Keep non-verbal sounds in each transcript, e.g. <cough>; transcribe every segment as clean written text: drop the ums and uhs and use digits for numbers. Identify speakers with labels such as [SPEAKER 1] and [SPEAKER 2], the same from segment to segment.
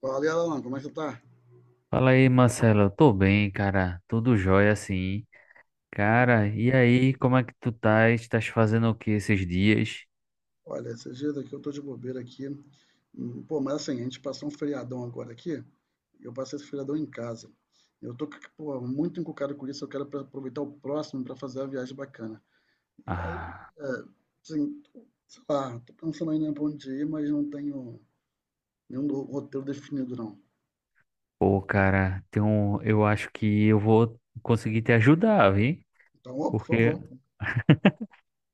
[SPEAKER 1] Fala, aí, Alan, como é que você tá?
[SPEAKER 2] Fala aí, Marcelo. Eu tô bem, cara. Tudo jóia, sim. Cara, e aí, como é que tu tá? Estás fazendo o que esses dias?
[SPEAKER 1] Olha, esses dias aqui eu tô de bobeira aqui. Pô, mas assim, a gente passou um feriadão agora aqui. Eu passei esse feriadão em casa. Eu tô, pô, muito encucado com isso. Eu quero aproveitar o próximo para fazer a viagem bacana. E aí,
[SPEAKER 2] Ah,
[SPEAKER 1] é, assim, sei lá, tô pensando ainda pra onde ir, mas não tenho nenhum roteiro definido, não.
[SPEAKER 2] pô, cara, eu acho que eu vou conseguir te ajudar, viu?
[SPEAKER 1] Então, ó, por
[SPEAKER 2] Porque,
[SPEAKER 1] favor.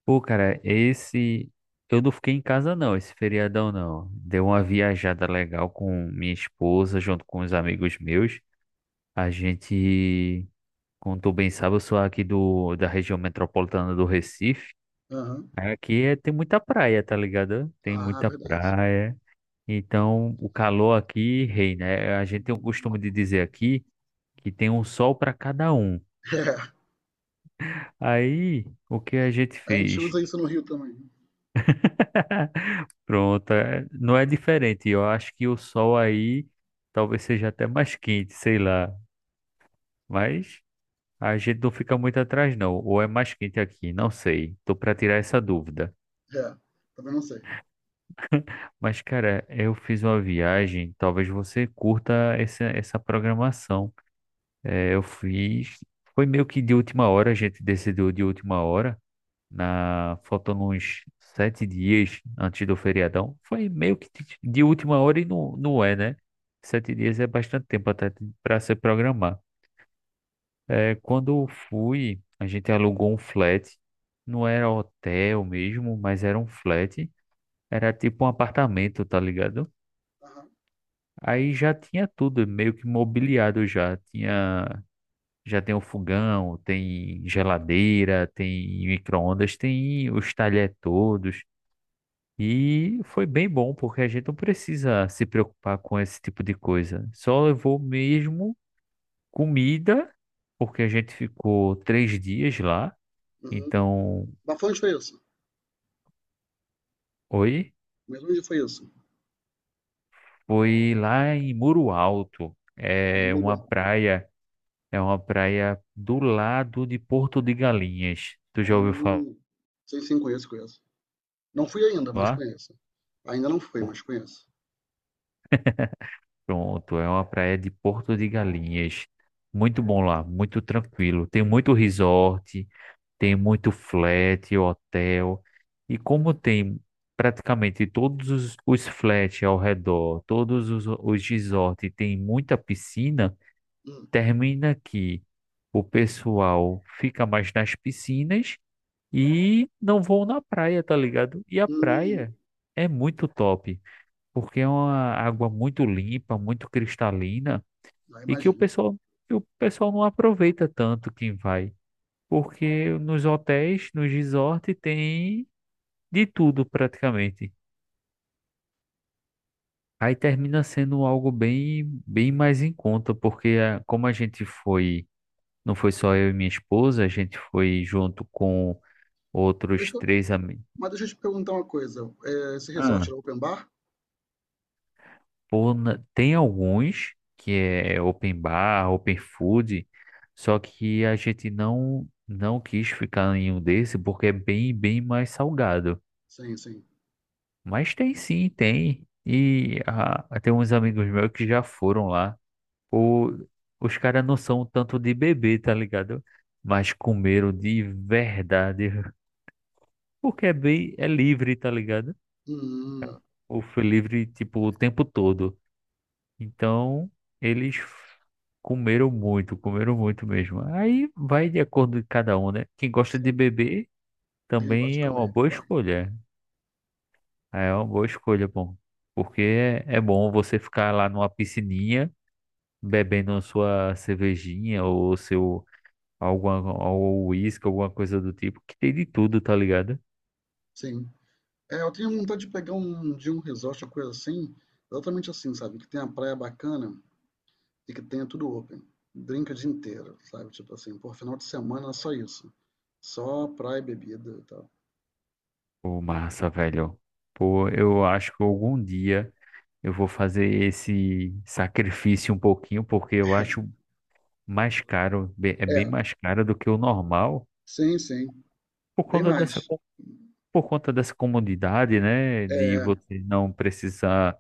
[SPEAKER 2] pô, cara, esse. Eu não fiquei em casa, não, esse feriadão, não. Deu uma viajada legal com minha esposa, junto com os amigos meus. A gente, como tu bem sabe, eu sou aqui da região metropolitana do Recife.
[SPEAKER 1] Aham.
[SPEAKER 2] Aqui tem muita praia, tá ligado? Tem
[SPEAKER 1] Ah,
[SPEAKER 2] muita
[SPEAKER 1] verdade.
[SPEAKER 2] praia. Então, o calor aqui reina. É, a gente tem o costume de dizer aqui que tem um sol para cada um.
[SPEAKER 1] <laughs>
[SPEAKER 2] Aí, o que a gente
[SPEAKER 1] É, a gente
[SPEAKER 2] fez?
[SPEAKER 1] usa isso no Rio também.
[SPEAKER 2] <laughs> Pronto, não é diferente. Eu acho que o sol aí talvez seja até mais quente, sei lá. Mas a gente não fica muito atrás, não. Ou é mais quente aqui, não sei. Tô para tirar essa dúvida.
[SPEAKER 1] É, também não sei.
[SPEAKER 2] Mas, cara, eu fiz uma viagem, talvez você curta essa programação. É, eu fiz, foi meio que de última hora, a gente decidiu de última hora, faltando uns 7 dias antes do feriadão. Foi meio que de última hora e não, não é, né? 7 dias é bastante tempo até para se programar. É, quando eu fui, a gente alugou um flat, não era hotel mesmo, mas era um flat, era tipo um apartamento, tá ligado?
[SPEAKER 1] Aham.
[SPEAKER 2] Aí já tinha tudo meio que mobiliado já. Já tem o fogão, tem geladeira, tem micro-ondas, tem os talher todos. E foi bem bom, porque a gente não precisa se preocupar com esse tipo de coisa. Só levou mesmo comida, porque a gente ficou 3 dias lá.
[SPEAKER 1] Uhum.
[SPEAKER 2] Então,
[SPEAKER 1] Mas foi isso?
[SPEAKER 2] oi,
[SPEAKER 1] Mesmo dia foi isso?
[SPEAKER 2] foi lá em Muro Alto. É uma
[SPEAKER 1] Milhão.
[SPEAKER 2] praia É uma praia do lado de Porto de Galinhas. Tu já ouviu falar?
[SPEAKER 1] Hum. Sei sim, conheço, conheço. Não fui ainda, mas conheço. Ainda não fui,
[SPEAKER 2] Por-
[SPEAKER 1] mas conheço.
[SPEAKER 2] Pronto, é uma praia de Porto de Galinhas. Muito bom lá, muito tranquilo. Tem muito resort, tem muito flat, hotel. E como tem praticamente todos os flats ao redor, todos os resorts, tem muita piscina,
[SPEAKER 1] Hum.
[SPEAKER 2] termina que o pessoal fica mais nas piscinas e não vão na praia, tá ligado? E a
[SPEAKER 1] Hum,
[SPEAKER 2] praia é muito top, porque é uma água muito limpa, muito cristalina
[SPEAKER 1] já
[SPEAKER 2] e que o
[SPEAKER 1] imagino.
[SPEAKER 2] pessoal, que o pessoal não aproveita tanto quem vai, porque nos hotéis, nos resorts tem de tudo praticamente. Aí termina sendo algo bem, bem mais em conta, porque como a gente foi, não foi só eu e minha esposa, a gente foi junto com
[SPEAKER 1] Mas
[SPEAKER 2] outros
[SPEAKER 1] Deixa eu,
[SPEAKER 2] três amigos.
[SPEAKER 1] mas deixa eu te perguntar uma coisa. É, esse resort era open bar?
[SPEAKER 2] Pô, tem alguns que é open bar, open food, só que a gente não quis ficar em um desse porque é bem bem mais salgado.
[SPEAKER 1] Sim, sim.
[SPEAKER 2] Mas tem sim, tem. E tem uns amigos meus que já foram lá. O, os caras não são tanto de beber, tá ligado? Mas comeram de verdade, <laughs> porque é bem é livre, tá ligado?
[SPEAKER 1] Hum, hum,
[SPEAKER 2] Ou foi livre tipo o tempo todo. Então, eles comeram muito mesmo. Aí vai de acordo de cada um, né? Quem gosta de
[SPEAKER 1] sim.
[SPEAKER 2] beber
[SPEAKER 1] A gente gosta de
[SPEAKER 2] também é uma
[SPEAKER 1] comer,
[SPEAKER 2] boa
[SPEAKER 1] claro.
[SPEAKER 2] escolha. É uma boa escolha, bom. Porque é bom você ficar lá numa piscininha bebendo a sua cervejinha ou seu alguma ou uísque, alguma coisa do tipo, que tem de tudo, tá ligado?
[SPEAKER 1] Sim. É, eu tenho vontade de pegar um de um resort, uma coisa assim, exatamente assim, sabe? Que tenha praia bacana e que tenha tudo open. Drink o dia inteiro, sabe? Tipo assim, por final de semana é só isso. Só praia e bebida e tal.
[SPEAKER 2] Pô, massa, velho. Pô, eu acho que algum dia eu vou fazer esse sacrifício um pouquinho, porque eu acho mais caro, é bem
[SPEAKER 1] É,
[SPEAKER 2] mais caro do que o normal,
[SPEAKER 1] sim, sim,
[SPEAKER 2] por
[SPEAKER 1] bem
[SPEAKER 2] conta dessa,
[SPEAKER 1] mais.
[SPEAKER 2] co- por conta dessa comodidade, né? De
[SPEAKER 1] É,
[SPEAKER 2] você não precisar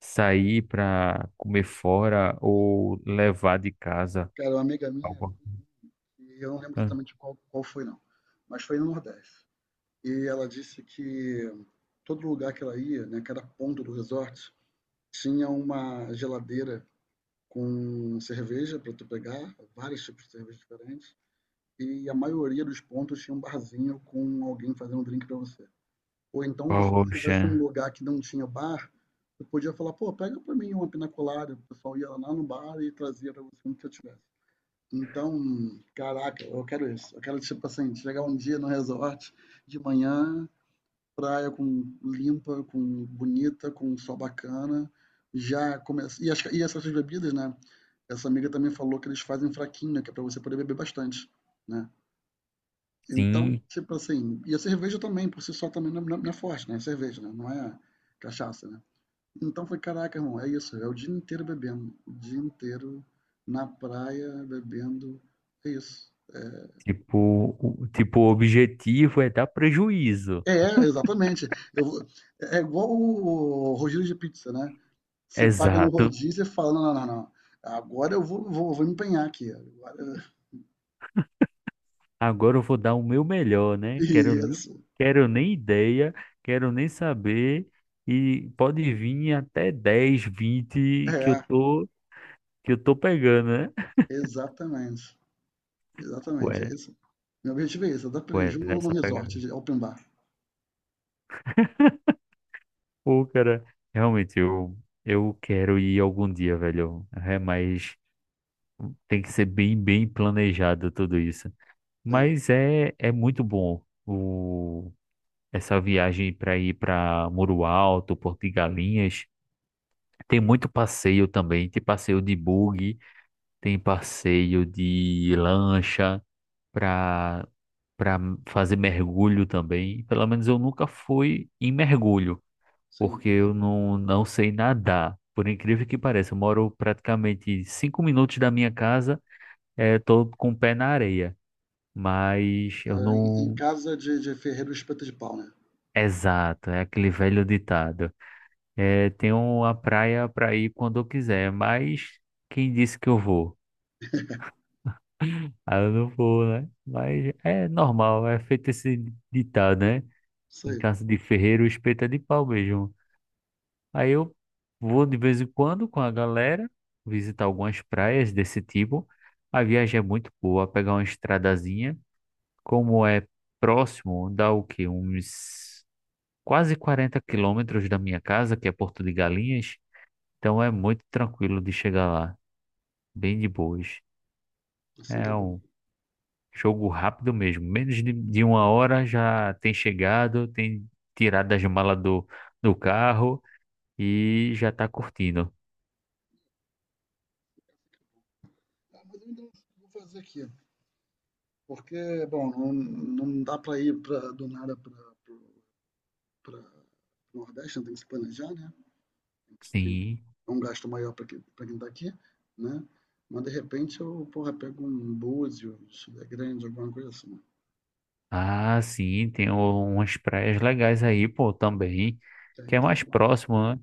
[SPEAKER 2] sair para comer fora ou levar de casa
[SPEAKER 1] cara, uma amiga minha,
[SPEAKER 2] algo.
[SPEAKER 1] e eu não lembro
[SPEAKER 2] Ah,
[SPEAKER 1] exatamente qual foi não, mas foi no Nordeste. E ela disse que todo lugar que ela ia, né, cada ponto do resort, tinha uma geladeira com cerveja para tu pegar, vários tipos de cerveja diferentes, e a maioria dos pontos tinha um barzinho com alguém fazendo um drink para você. Ou então você se
[SPEAKER 2] Poxa,
[SPEAKER 1] tivesse um lugar que não tinha bar, você podia falar, pô, pega para mim uma pina colada, o pessoal ia lá no bar e trazia para você o que eu tivesse. Então, caraca, eu quero isso. Eu quero, tipo assim, chegar um dia no resort de manhã, praia com limpa, com bonita, com um sol bacana. Já começa. E essas bebidas, né? Essa amiga também falou que eles fazem fraquinho, né, que é pra você poder beber bastante, né? Então,
[SPEAKER 2] sim,
[SPEAKER 1] tipo assim, e a cerveja também, por si só, também não, não é forte, né? É cerveja, né? Não é cachaça, né? Então foi, caraca, irmão, é isso. É o dia inteiro bebendo. O dia inteiro na praia, bebendo. É isso.
[SPEAKER 2] tipo, o objetivo é dar prejuízo.
[SPEAKER 1] É, exatamente. Eu é é igual o rodízio de pizza, né? Você paga no
[SPEAKER 2] Exato.
[SPEAKER 1] rodízio e fala: "Não, não, não, não. Agora eu vou me empenhar aqui, agora". <laughs>
[SPEAKER 2] Agora eu vou dar o meu melhor, né? Quero nem,
[SPEAKER 1] Isso.
[SPEAKER 2] quero nem ideia, quero nem saber. E pode vir até 10, 20 que eu
[SPEAKER 1] É,
[SPEAKER 2] tô, que eu tô pegando, né?
[SPEAKER 1] exatamente, exatamente,
[SPEAKER 2] Ué,
[SPEAKER 1] é isso. Meu objetivo é esse, eu dar
[SPEAKER 2] ué,
[SPEAKER 1] preju no
[SPEAKER 2] nessa pegada.
[SPEAKER 1] resort de open bar.
[SPEAKER 2] Pô, cara, realmente eu quero ir algum dia, velho. É, mas tem que ser bem, bem planejado tudo isso.
[SPEAKER 1] Tem,
[SPEAKER 2] Mas é muito bom essa viagem para ir para Muro Alto, Porto de Galinhas. Tem muito passeio também. Tem passeio de buggy, tem passeio de lancha para para fazer mergulho também. Pelo menos eu nunca fui em mergulho,
[SPEAKER 1] sim.
[SPEAKER 2] porque eu não sei nadar. Por incrível que pareça, eu moro praticamente 5 minutos da minha casa, tô com o pé na areia, mas eu
[SPEAKER 1] É, em
[SPEAKER 2] não.
[SPEAKER 1] casa de ferreiro espeta de pau, né.
[SPEAKER 2] Exato, é aquele velho ditado. É, tenho uma praia para ir quando eu quiser, mas quem disse que eu vou? Aí eu não vou, né? Mas é normal, é feito esse ditado, né?
[SPEAKER 1] Isso
[SPEAKER 2] Em
[SPEAKER 1] aí,
[SPEAKER 2] casa de ferreiro, o espeto é de pau mesmo. Aí eu vou de vez em quando com a galera visitar algumas praias desse tipo. A viagem é muito boa, pegar uma estradazinha, como é próximo, dá o quê? Uns quase 40 quilômetros da minha casa, que é Porto de Galinhas. Então é muito tranquilo de chegar lá, bem de boas.
[SPEAKER 1] assim que
[SPEAKER 2] É
[SPEAKER 1] é bom.
[SPEAKER 2] um jogo rápido mesmo. Menos de uma hora já tem chegado, tem tirado as malas do carro e já tá curtindo.
[SPEAKER 1] Ah, mas eu ainda não vou fazer aqui, porque, bom, não dá pra ir pra do nada para para o Nordeste, então tem que se planejar, né?
[SPEAKER 2] Sim.
[SPEAKER 1] É um gasto maior para quem está aqui, né? Mas de repente eu, porra, pego um Búzios, é grande, alguma coisa assim.
[SPEAKER 2] Ah, sim, tem umas praias legais aí, pô, também. Que
[SPEAKER 1] Tem,
[SPEAKER 2] é
[SPEAKER 1] tem,
[SPEAKER 2] mais próximo, né?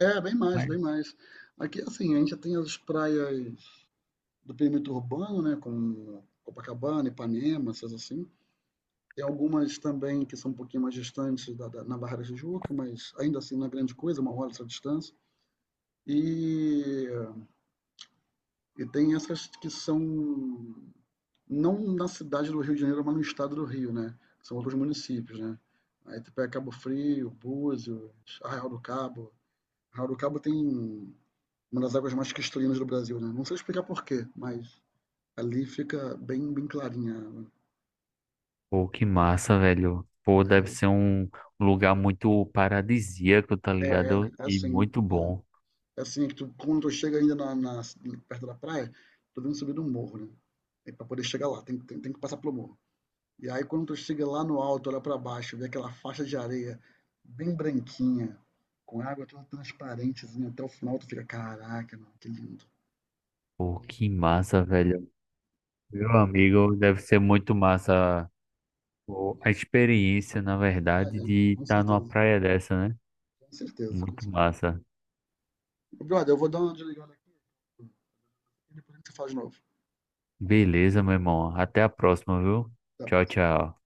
[SPEAKER 1] é, bem mais,
[SPEAKER 2] Mas,
[SPEAKER 1] bem mais. Aqui, assim, a gente tem as praias do perímetro urbano, né? Como Copacabana, Ipanema, essas assim. Tem algumas também que são um pouquinho mais distantes da, na Barra da Tijuca, mas ainda assim não é grande coisa, uma hora essa distância. E, e tem essas que são não na cidade do Rio de Janeiro, mas no estado do Rio, né? São outros municípios, né? Aí tu pega Cabo Frio, Búzios, Arraial do Cabo. Arraial do Cabo tem uma das águas mais cristalinas do Brasil, né? Não sei explicar por quê, mas ali fica bem, bem clarinha.
[SPEAKER 2] pô, que massa, velho. Pô, deve ser um lugar muito paradisíaco, tá
[SPEAKER 1] É
[SPEAKER 2] ligado? E
[SPEAKER 1] assim.
[SPEAKER 2] muito
[SPEAKER 1] É, assim.
[SPEAKER 2] bom.
[SPEAKER 1] É assim que quando tu chega ainda na, perto da praia, tu vem subir um morro, né? E pra poder chegar lá, tem que passar pelo morro. E aí, quando tu chega lá no alto, olha para baixo, vê aquela faixa de areia bem branquinha, com água toda transparentezinha até o final, tu fica, caraca, mano, que lindo.
[SPEAKER 2] Pô, que massa, velho. Meu amigo, deve ser muito massa. Pô, a experiência, na
[SPEAKER 1] Ah,
[SPEAKER 2] verdade,
[SPEAKER 1] é,
[SPEAKER 2] de
[SPEAKER 1] com
[SPEAKER 2] estar numa
[SPEAKER 1] certeza,
[SPEAKER 2] praia dessa, né?
[SPEAKER 1] com certeza, com
[SPEAKER 2] Muito
[SPEAKER 1] certeza.
[SPEAKER 2] massa.
[SPEAKER 1] Brother, eu vou dar uma desligada aqui e depois a gente se fala de novo.
[SPEAKER 2] Beleza, meu irmão. Até a próxima, viu?
[SPEAKER 1] Até a
[SPEAKER 2] Tchau,
[SPEAKER 1] próxima.
[SPEAKER 2] tchau.